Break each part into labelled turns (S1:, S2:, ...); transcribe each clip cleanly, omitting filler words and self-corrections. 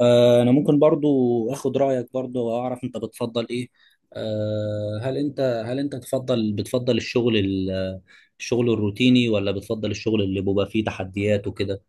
S1: انا ممكن برضو اخد رايك برضو واعرف انت بتفضل ايه. هل انت بتفضل الشغل الشغل الروتيني، ولا بتفضل الشغل اللي بيبقى فيه تحديات وكده؟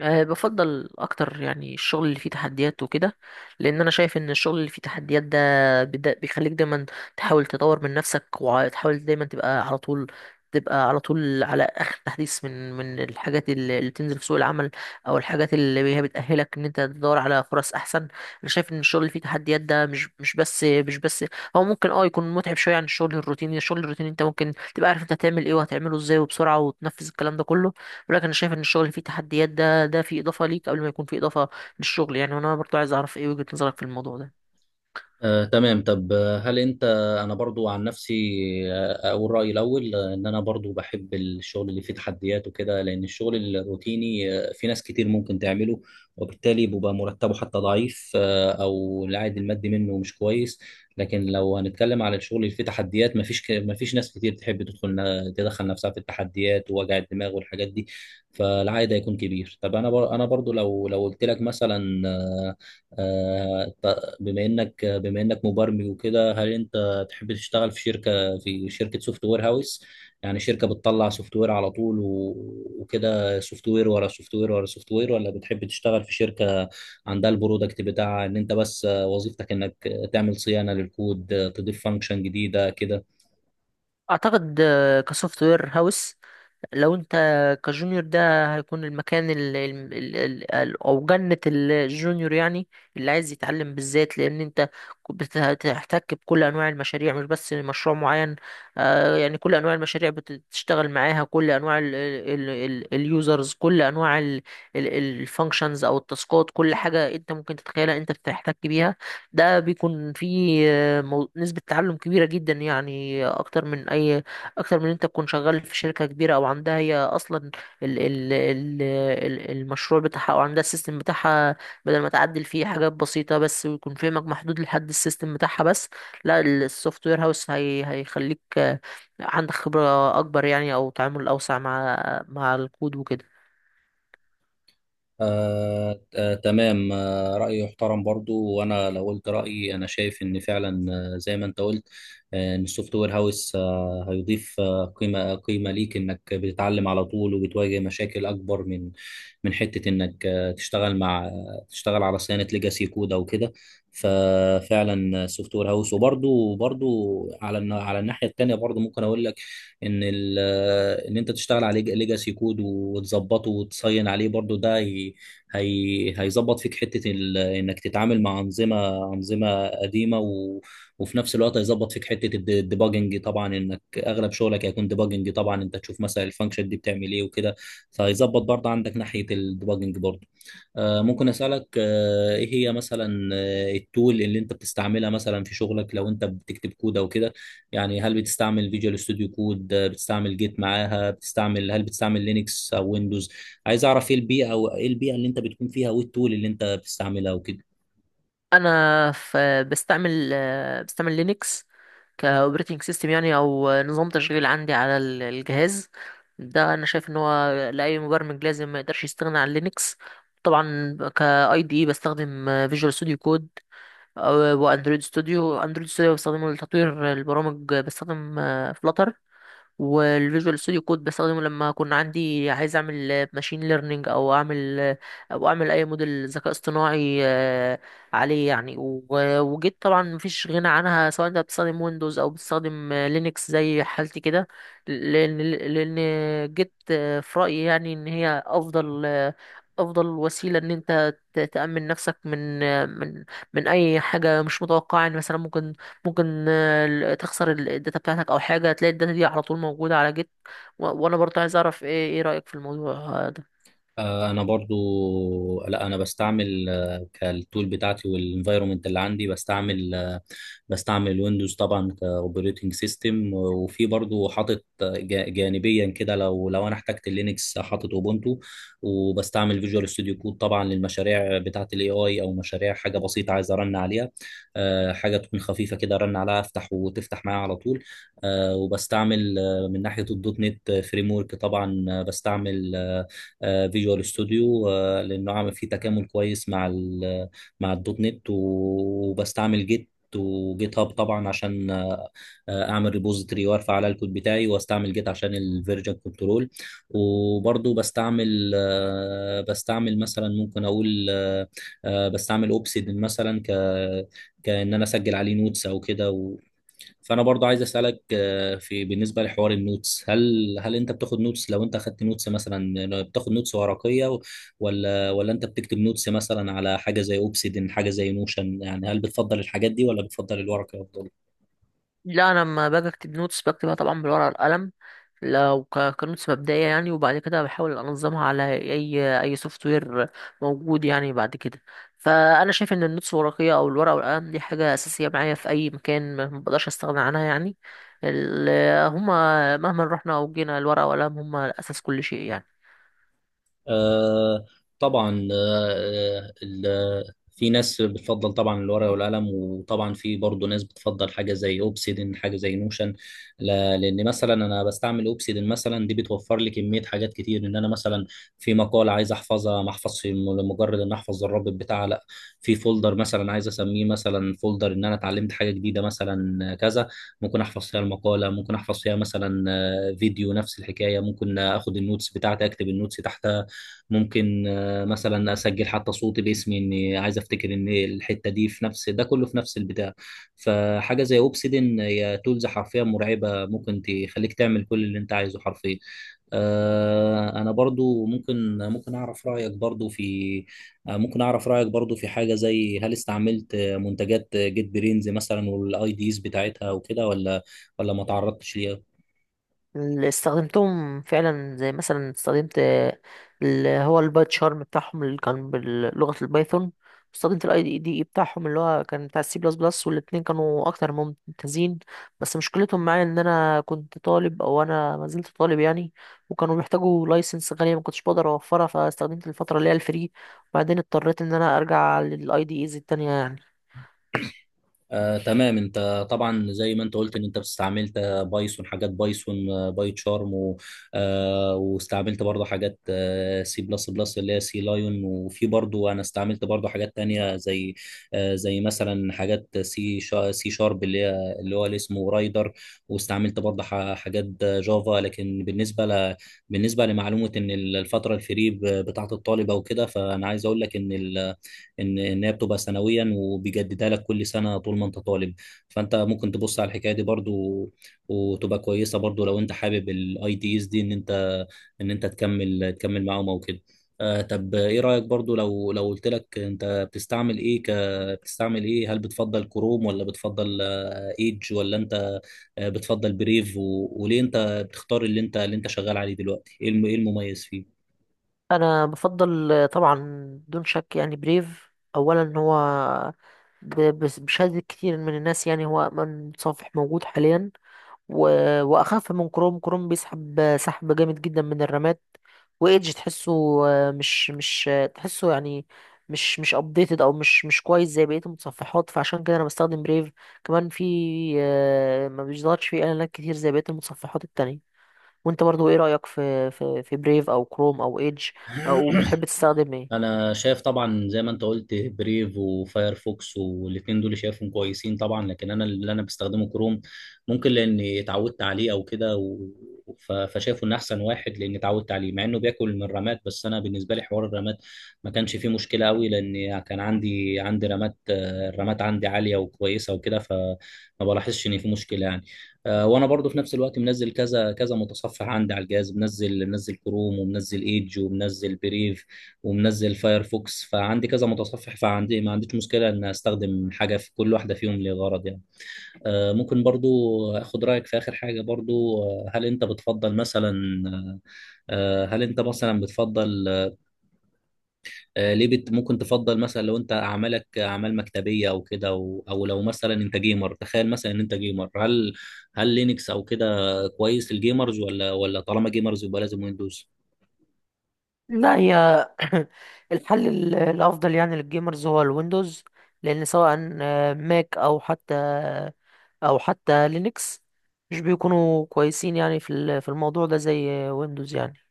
S2: بفضل اكتر يعني الشغل اللي فيه تحديات وكده. لان انا شايف ان الشغل اللي فيه تحديات ده بيخليك دايما تحاول تطور من نفسك، وتحاول دايما تبقى على طول على اخر تحديث من الحاجات اللي بتنزل في سوق العمل، او الحاجات اللي هي بتاهلك ان انت تدور على فرص احسن. انا شايف ان الشغل اللي فيه تحديات ده مش بس هو ممكن يكون متعب شويه عن الشغل الروتيني. الشغل الروتيني انت ممكن تبقى عارف انت هتعمل ايه وهتعمله ازاي وبسرعه، وتنفذ الكلام ده كله بيقول لك. انا شايف ان الشغل اللي فيه تحديات ده فيه اضافه ليك قبل ما يكون فيه اضافه للشغل يعني، وانا برضو عايز اعرف ايه وجهه نظرك في الموضوع ده.
S1: تمام. طب هل انت انا برضو عن نفسي اقول رايي الاول. ان انا برضو بحب الشغل اللي فيه تحديات وكده، لان الشغل الروتيني في ناس كتير ممكن تعمله، وبالتالي بيبقى مرتبه حتى ضعيف، او العائد المادي منه مش كويس. لكن لو هنتكلم على الشغل اللي فيه تحديات، مفيش ناس كتير تحب تدخل، نفسها في التحديات ووجع الدماغ والحاجات دي، فالعائد هيكون كبير. طب انا انا برضو، لو قلت لك مثلا، آه، بما انك مبرمج وكده، هل انت تحب تشتغل في شركه سوفت وير هاوس؟ يعني شركه بتطلع سوفت وير على طول وكده، سوفت وير ورا سوفت وير ورا سوفت وير، ولا بتحب تشتغل في شركه عندها البرودكت بتاعها، ان انت بس وظيفتك انك تعمل صيانه للكود، تضيف فانكشن جديده كده؟
S2: اعتقد كسوفت وير هاوس، لو انت كجونيور ده، هيكون المكان ال ال ال ال ال او جنة الجونيور يعني، اللي عايز يتعلم بالذات. لان انت هتحتك بكل انواع المشاريع، مش بس مشروع معين. يعني كل انواع المشاريع بتشتغل معاها، كل انواع اليوزرز، كل انواع الفانكشنز او التاسكات، كل حاجة انت ممكن تتخيلها انت بتحتك بيها. ده بيكون فيه نسبة تعلم كبيرة جدا يعني، اكتر من إن انت تكون شغال في شركه كبيره، او عندها هي اصلا ال ال ال ال المشروع بتاعها، او عندها السيستم بتاعها، بدل ما تعدل فيه حاجات بسيطه بس، ويكون فهمك محدود لحد السيستم بتاعها بس. لا، السوفت وير هاوس هي هيخليك عندك خبره اكبر يعني، او تعامل اوسع مع الكود وكده.
S1: تمام، رأيي يحترم برضو. وأنا لو قلت رأيي، أنا شايف إن فعلا، زي ما أنت قلت، إن السوفت وير هاوس هيضيف قيمة، قيمة ليك، إنك بتتعلم على طول وبتواجه مشاكل أكبر من حتة إنك تشتغل مع، تشتغل على صيانة ليجاسي كود أو كده. ففعلا السوفت وير هاوس. وبرضو على على الناحية التانية، برضو ممكن أقول لك إن إن أنت تشتغل على ليجاسي كود وتظبطه وتصين عليه برضو ده، هي هيظبط فيك حته انك تتعامل مع انظمه، قديمه، وفي نفس الوقت هيظبط فيك حته الديباجنج، طبعا انك اغلب شغلك هيكون ديباجنج، طبعا انت تشوف مثلا الفانكشن دي بتعمل ايه وكده، فهيظبط برضه عندك ناحيه الديباجنج برضه. ممكن اسالك، ايه هي مثلا التول اللي انت بتستعملها مثلا في شغلك لو انت بتكتب كود او كده؟ يعني هل بتستعمل فيجوال ستوديو كود؟ بتستعمل جيت معاها؟ هل بتستعمل لينكس او ويندوز؟ عايز اعرف ايه البيئه، او ايه البيئه اللي انت بتكون فيها، وايه التول اللي انت بتستعملها وكده.
S2: انا بستعمل لينكس كاوبريتنج سيستم يعني، او نظام تشغيل عندي على الجهاز ده. انا شايف ان هو لاي مبرمج لازم ما يقدرش يستغنى عن لينكس. طبعا كاي دي اي، بستخدم فيجوال ستوديو كود واندرويد ستوديو. اندرويد ستوديو بستخدمه لتطوير البرامج، بستخدم فلاتر. والفيجوال ستوديو كود بستخدمه لما كنا عندي عايز اعمل ماشين ليرنينج، او اعمل اي موديل ذكاء اصطناعي عليه يعني. وجيت طبعا مفيش غنى عنها، سواء انت بتستخدم ويندوز او بتستخدم لينكس زي حالتي كده. لان جيت في رايي يعني ان هي افضل وسيله ان انت تامن نفسك من من اي حاجه مش متوقعه يعني. مثلا ممكن تخسر الداتا بتاعتك، او حاجه، تلاقي الداتا دي على طول موجوده على جيت. وانا برضه عايز اعرف ايه رايك في الموضوع ده.
S1: انا برضو، لا، انا بستعمل كالتول بتاعتي والانفايرومنت اللي عندي. بستعمل ويندوز طبعا كاوبريتنج سيستم، وفي برضو حاطط جانبيا كده، لو انا احتجت لينكس، حاطط اوبونتو. وبستعمل فيجوال ستوديو كود طبعا للمشاريع بتاعه الاي اي، او مشاريع حاجه بسيطه عايز ارن عليها، حاجه تكون خفيفه كده ارن عليها، افتح وتفتح معايا على طول. وبستعمل من ناحيه الدوت نت فريم ورك طبعا بستعمل فيجوال ستوديو، لانه عامل فيه تكامل كويس مع مع الدوت نت. وبستعمل جيت وجيت هاب طبعا، عشان اعمل ريبوزيتوري وارفع عليها الكود بتاعي، واستعمل جيت عشان الفيرجن كنترول. وبرضو بستعمل، مثلا، ممكن اقول بستعمل اوبسيدن مثلا، كان انا اسجل عليه نوتس او كده. فانا برضو عايز اسالك، في بالنسبه لحوار النوتس، هل انت بتاخد نوتس؟ لو انت اخدت نوتس، مثلا لو بتاخد نوتس ورقيه، ولا انت بتكتب نوتس مثلا على حاجه زي اوبسيدن، حاجه زي نوشن؟ يعني هل بتفضل الحاجات دي، ولا بتفضل الورقه افضل؟
S2: لا، انا لما باجي اكتب نوتس بكتبها طبعا بالورقه والقلم، لو كنوتس مبدئيه يعني، وبعد كده بحاول انظمها على اي سوفت وير موجود يعني بعد كده. فانا شايف ان النوتس الورقيه او الورقه والقلم دي حاجه اساسيه معايا في اي مكان، ما بقدرش استغنى عنها يعني. هما مهما رحنا او جينا، الورقه والقلم هما اساس كل شيء يعني.
S1: آه طبعا في ناس بتفضل طبعا الورقة والقلم، وطبعا في برضه ناس بتفضل حاجة زي اوبسيدن، حاجة زي نوشن. لان مثلا انا بستعمل اوبسيدن مثلا، دي بتوفر لي كمية حاجات كتير. ان انا مثلا في مقال عايز احفظها، ما احفظش لمجرد ان احفظ الرابط بتاعها، لا، في فولدر مثلا عايز اسميه مثلا فولدر ان انا اتعلمت حاجة جديدة مثلا كذا، ممكن احفظ فيها المقالة، ممكن احفظ فيها مثلا فيديو نفس الحكاية، ممكن اخد النوتس بتاعتي اكتب النوتس تحتها، ممكن مثلا اسجل حتى صوتي باسمي اني عايز افتكر ان الحته دي، في نفس ده كله في نفس البتاع. فحاجه زي اوبسيدن هي تولز حرفيا مرعبه، ممكن تخليك تعمل كل اللي انت عايزه حرفيا. انا برضو، ممكن ممكن اعرف رايك برضو في، ممكن اعرف رايك برضو في حاجه زي: هل استعملت منتجات جيت برينز مثلا والاي ديز بتاعتها وكده، ولا ما تعرضتش ليها؟
S2: اللي استخدمتهم فعلا، زي مثلا استخدمت اللي هو البايت شارم بتاعهم اللي كان بلغة البايثون، استخدمت الاي دي اي بتاعهم اللي هو كان بتاع السي بلس بلس، والاتنين كانوا اكتر من ممتازين. بس مشكلتهم معايا ان انا كنت طالب، او انا ما زلت طالب يعني، وكانوا بيحتاجوا لايسنس غالية ما كنتش بقدر اوفرها، فاستخدمت الفترة اللي هي الفري، وبعدين اضطريت ان انا ارجع للاي دي ايز التانية يعني.
S1: تمام. انت طبعا زي ما انت قلت ان انت استعملت بايثون، حاجات بايثون، باي تشارم، واستعملت برضه حاجات سي بلس بلس اللي هي سي لايون. وفي برضه انا استعملت برضه حاجات تانية، زي زي مثلا حاجات سي شارب، اللي هو اللي اسمه رايدر. واستعملت برضه حاجات جافا. لكن بالنسبه بالنسبه لمعلومه ان الفتره الفري بتاعه الطالب او كده، فانا عايز اقول لك ان ان هي بتبقى سنويا وبيجددها لك كل سنه طول ما انت طالب. فانت ممكن تبص على الحكايه دي برضو، وتبقى كويسه برضو لو انت حابب الاي دي اس، دي ان انت، تكمل معاهم او كده. طب ايه رايك برضو، لو قلت لك، انت بتستعمل ايه بتستعمل ايه؟ هل بتفضل كروم، ولا بتفضل ايدج، ولا انت بتفضل بريف؟ وليه انت بتختار اللي انت شغال عليه دلوقتي؟ ايه ايه المميز فيه؟
S2: انا بفضل طبعا دون شك يعني بريف اولا. هو بشهادة كتير من الناس يعني هو أمن صفح موجود حاليا، و... وأخف من كروم. كروم بيسحب سحب جامد جدا من الرامات. وإيدج تحسه آه، مش مش آه، تحسه يعني مش مش ابديتد، او مش كويس زي بقيه المتصفحات، فعشان كده انا بستخدم بريف. كمان في ما بيظهرش فيه اعلانات كتير زي بقيه المتصفحات التانية. وانت برضو ايه رأيك في بريف او كروم او ايدج، او بتحب تستخدم ايه؟
S1: انا شايف طبعا، زي ما انت قلت، بريف وفايرفوكس، والاتنين دول شايفهم كويسين طبعا. لكن انا، اللي انا بستخدمه، كروم. ممكن لاني اتعودت عليه او كده، فشايفه ان احسن واحد لاني اتعودت عليه. مع انه بياكل من الرامات، بس انا بالنسبه لي حوار الرامات ما كانش فيه مشكله قوي، لان كان عندي رامات، الرامات عندي عاليه وكويسه وكده، فما بلاحظش ان في مشكله يعني. وانا برضو في نفس الوقت منزل كذا كذا متصفح عندي على الجهاز، منزل، كروم، ومنزل ايدج، ومنزل بريف، ومنزل فايرفوكس. فعندي كذا متصفح، فعندي ما عنديش مشكلة إن أستخدم حاجة في كل واحدة فيهم لغرض يعني. ممكن برضو أخد رأيك في آخر حاجة برضو. هل أنت بتفضل مثلا، آه، هل أنت مثلا بتفضل، ليه ممكن تفضل مثلا لو أنت أعمالك أعمال مكتبية أو كده، أو لو مثلا أنت جيمر، تخيل مثلا إن أنت جيمر، هل لينكس أو كده كويس الجيمرز، ولا طالما جيمرز يبقى لازم ويندوز؟
S2: لا، هي الحل الافضل يعني للجيمرز هو الويندوز. لان سواء ماك، او حتى لينكس، مش بيكونوا كويسين يعني في الموضوع ده زي ويندوز يعني.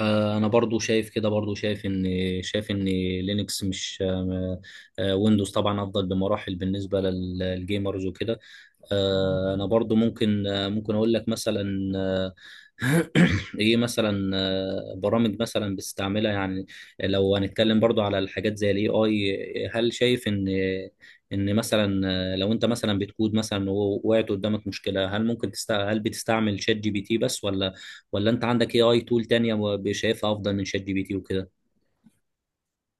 S1: انا برضو شايف كده، برضو شايف ان، شايف ان لينكس مش، ويندوز طبعا افضل بمراحل بالنسبه للجيمرز وكده. انا برضو ممكن، اقول لك مثلا، ايه مثلا، برامج مثلا بتستعملها يعني؟ لو هنتكلم برضو على الحاجات زي الاي اي، هل شايف ان مثلا، لو انت مثلا بتكود مثلا ووقعت قدامك مشكلة، هل بتستعمل شات جي بي تي بس، ولا انت عندك اي اي تول تانية شايفها افضل من شات جي بي تي وكده؟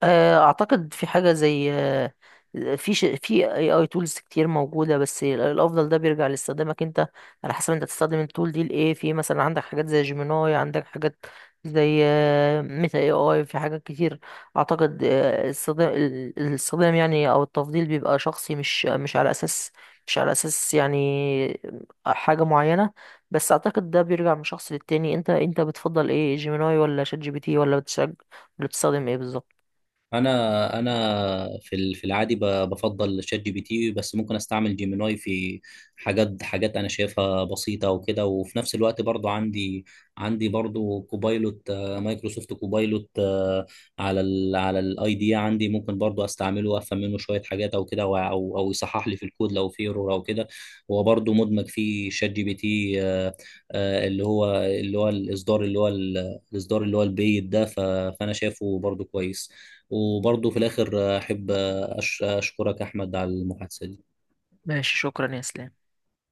S2: اعتقد في حاجه زي في اي اي تولز كتير موجوده، بس الافضل ده بيرجع لاستخدامك انت، على حسب انت تستخدم التول دي لايه. في مثلا عندك حاجات زي جيميناي، عندك حاجات زي ميتا اي اي، في حاجات كتير. اعتقد الاستخدام يعني او التفضيل بيبقى شخصي، مش على اساس يعني حاجه معينه. بس اعتقد ده بيرجع من شخص للتاني. انت بتفضل ايه، جيميناي ولا شات جي بي تي، ولا بتستخدم ايه بالظبط؟
S1: انا في في العادي بفضل شات جي بي تي، بس ممكن استعمل جيميناي في حاجات، انا شايفها بسيطه وكده. وفي نفس الوقت برضو عندي برضو كوبايلوت، مايكروسوفت كوبايلوت، على على الاي دي عندي، ممكن برضو استعمله وافهم منه شويه حاجات او كده، او او أو يصحح لي في الكود لو في ايرور او كده. هو برضو مدمج فيه شات جي بي تي، اللي هو الاصدار، الاصدار اللي هو البيت ده. فانا شايفه برضو كويس. وبرضه في الآخر أحب أشكرك أحمد على المحادثة دي.
S2: ماشي، شكرا يا اسلام.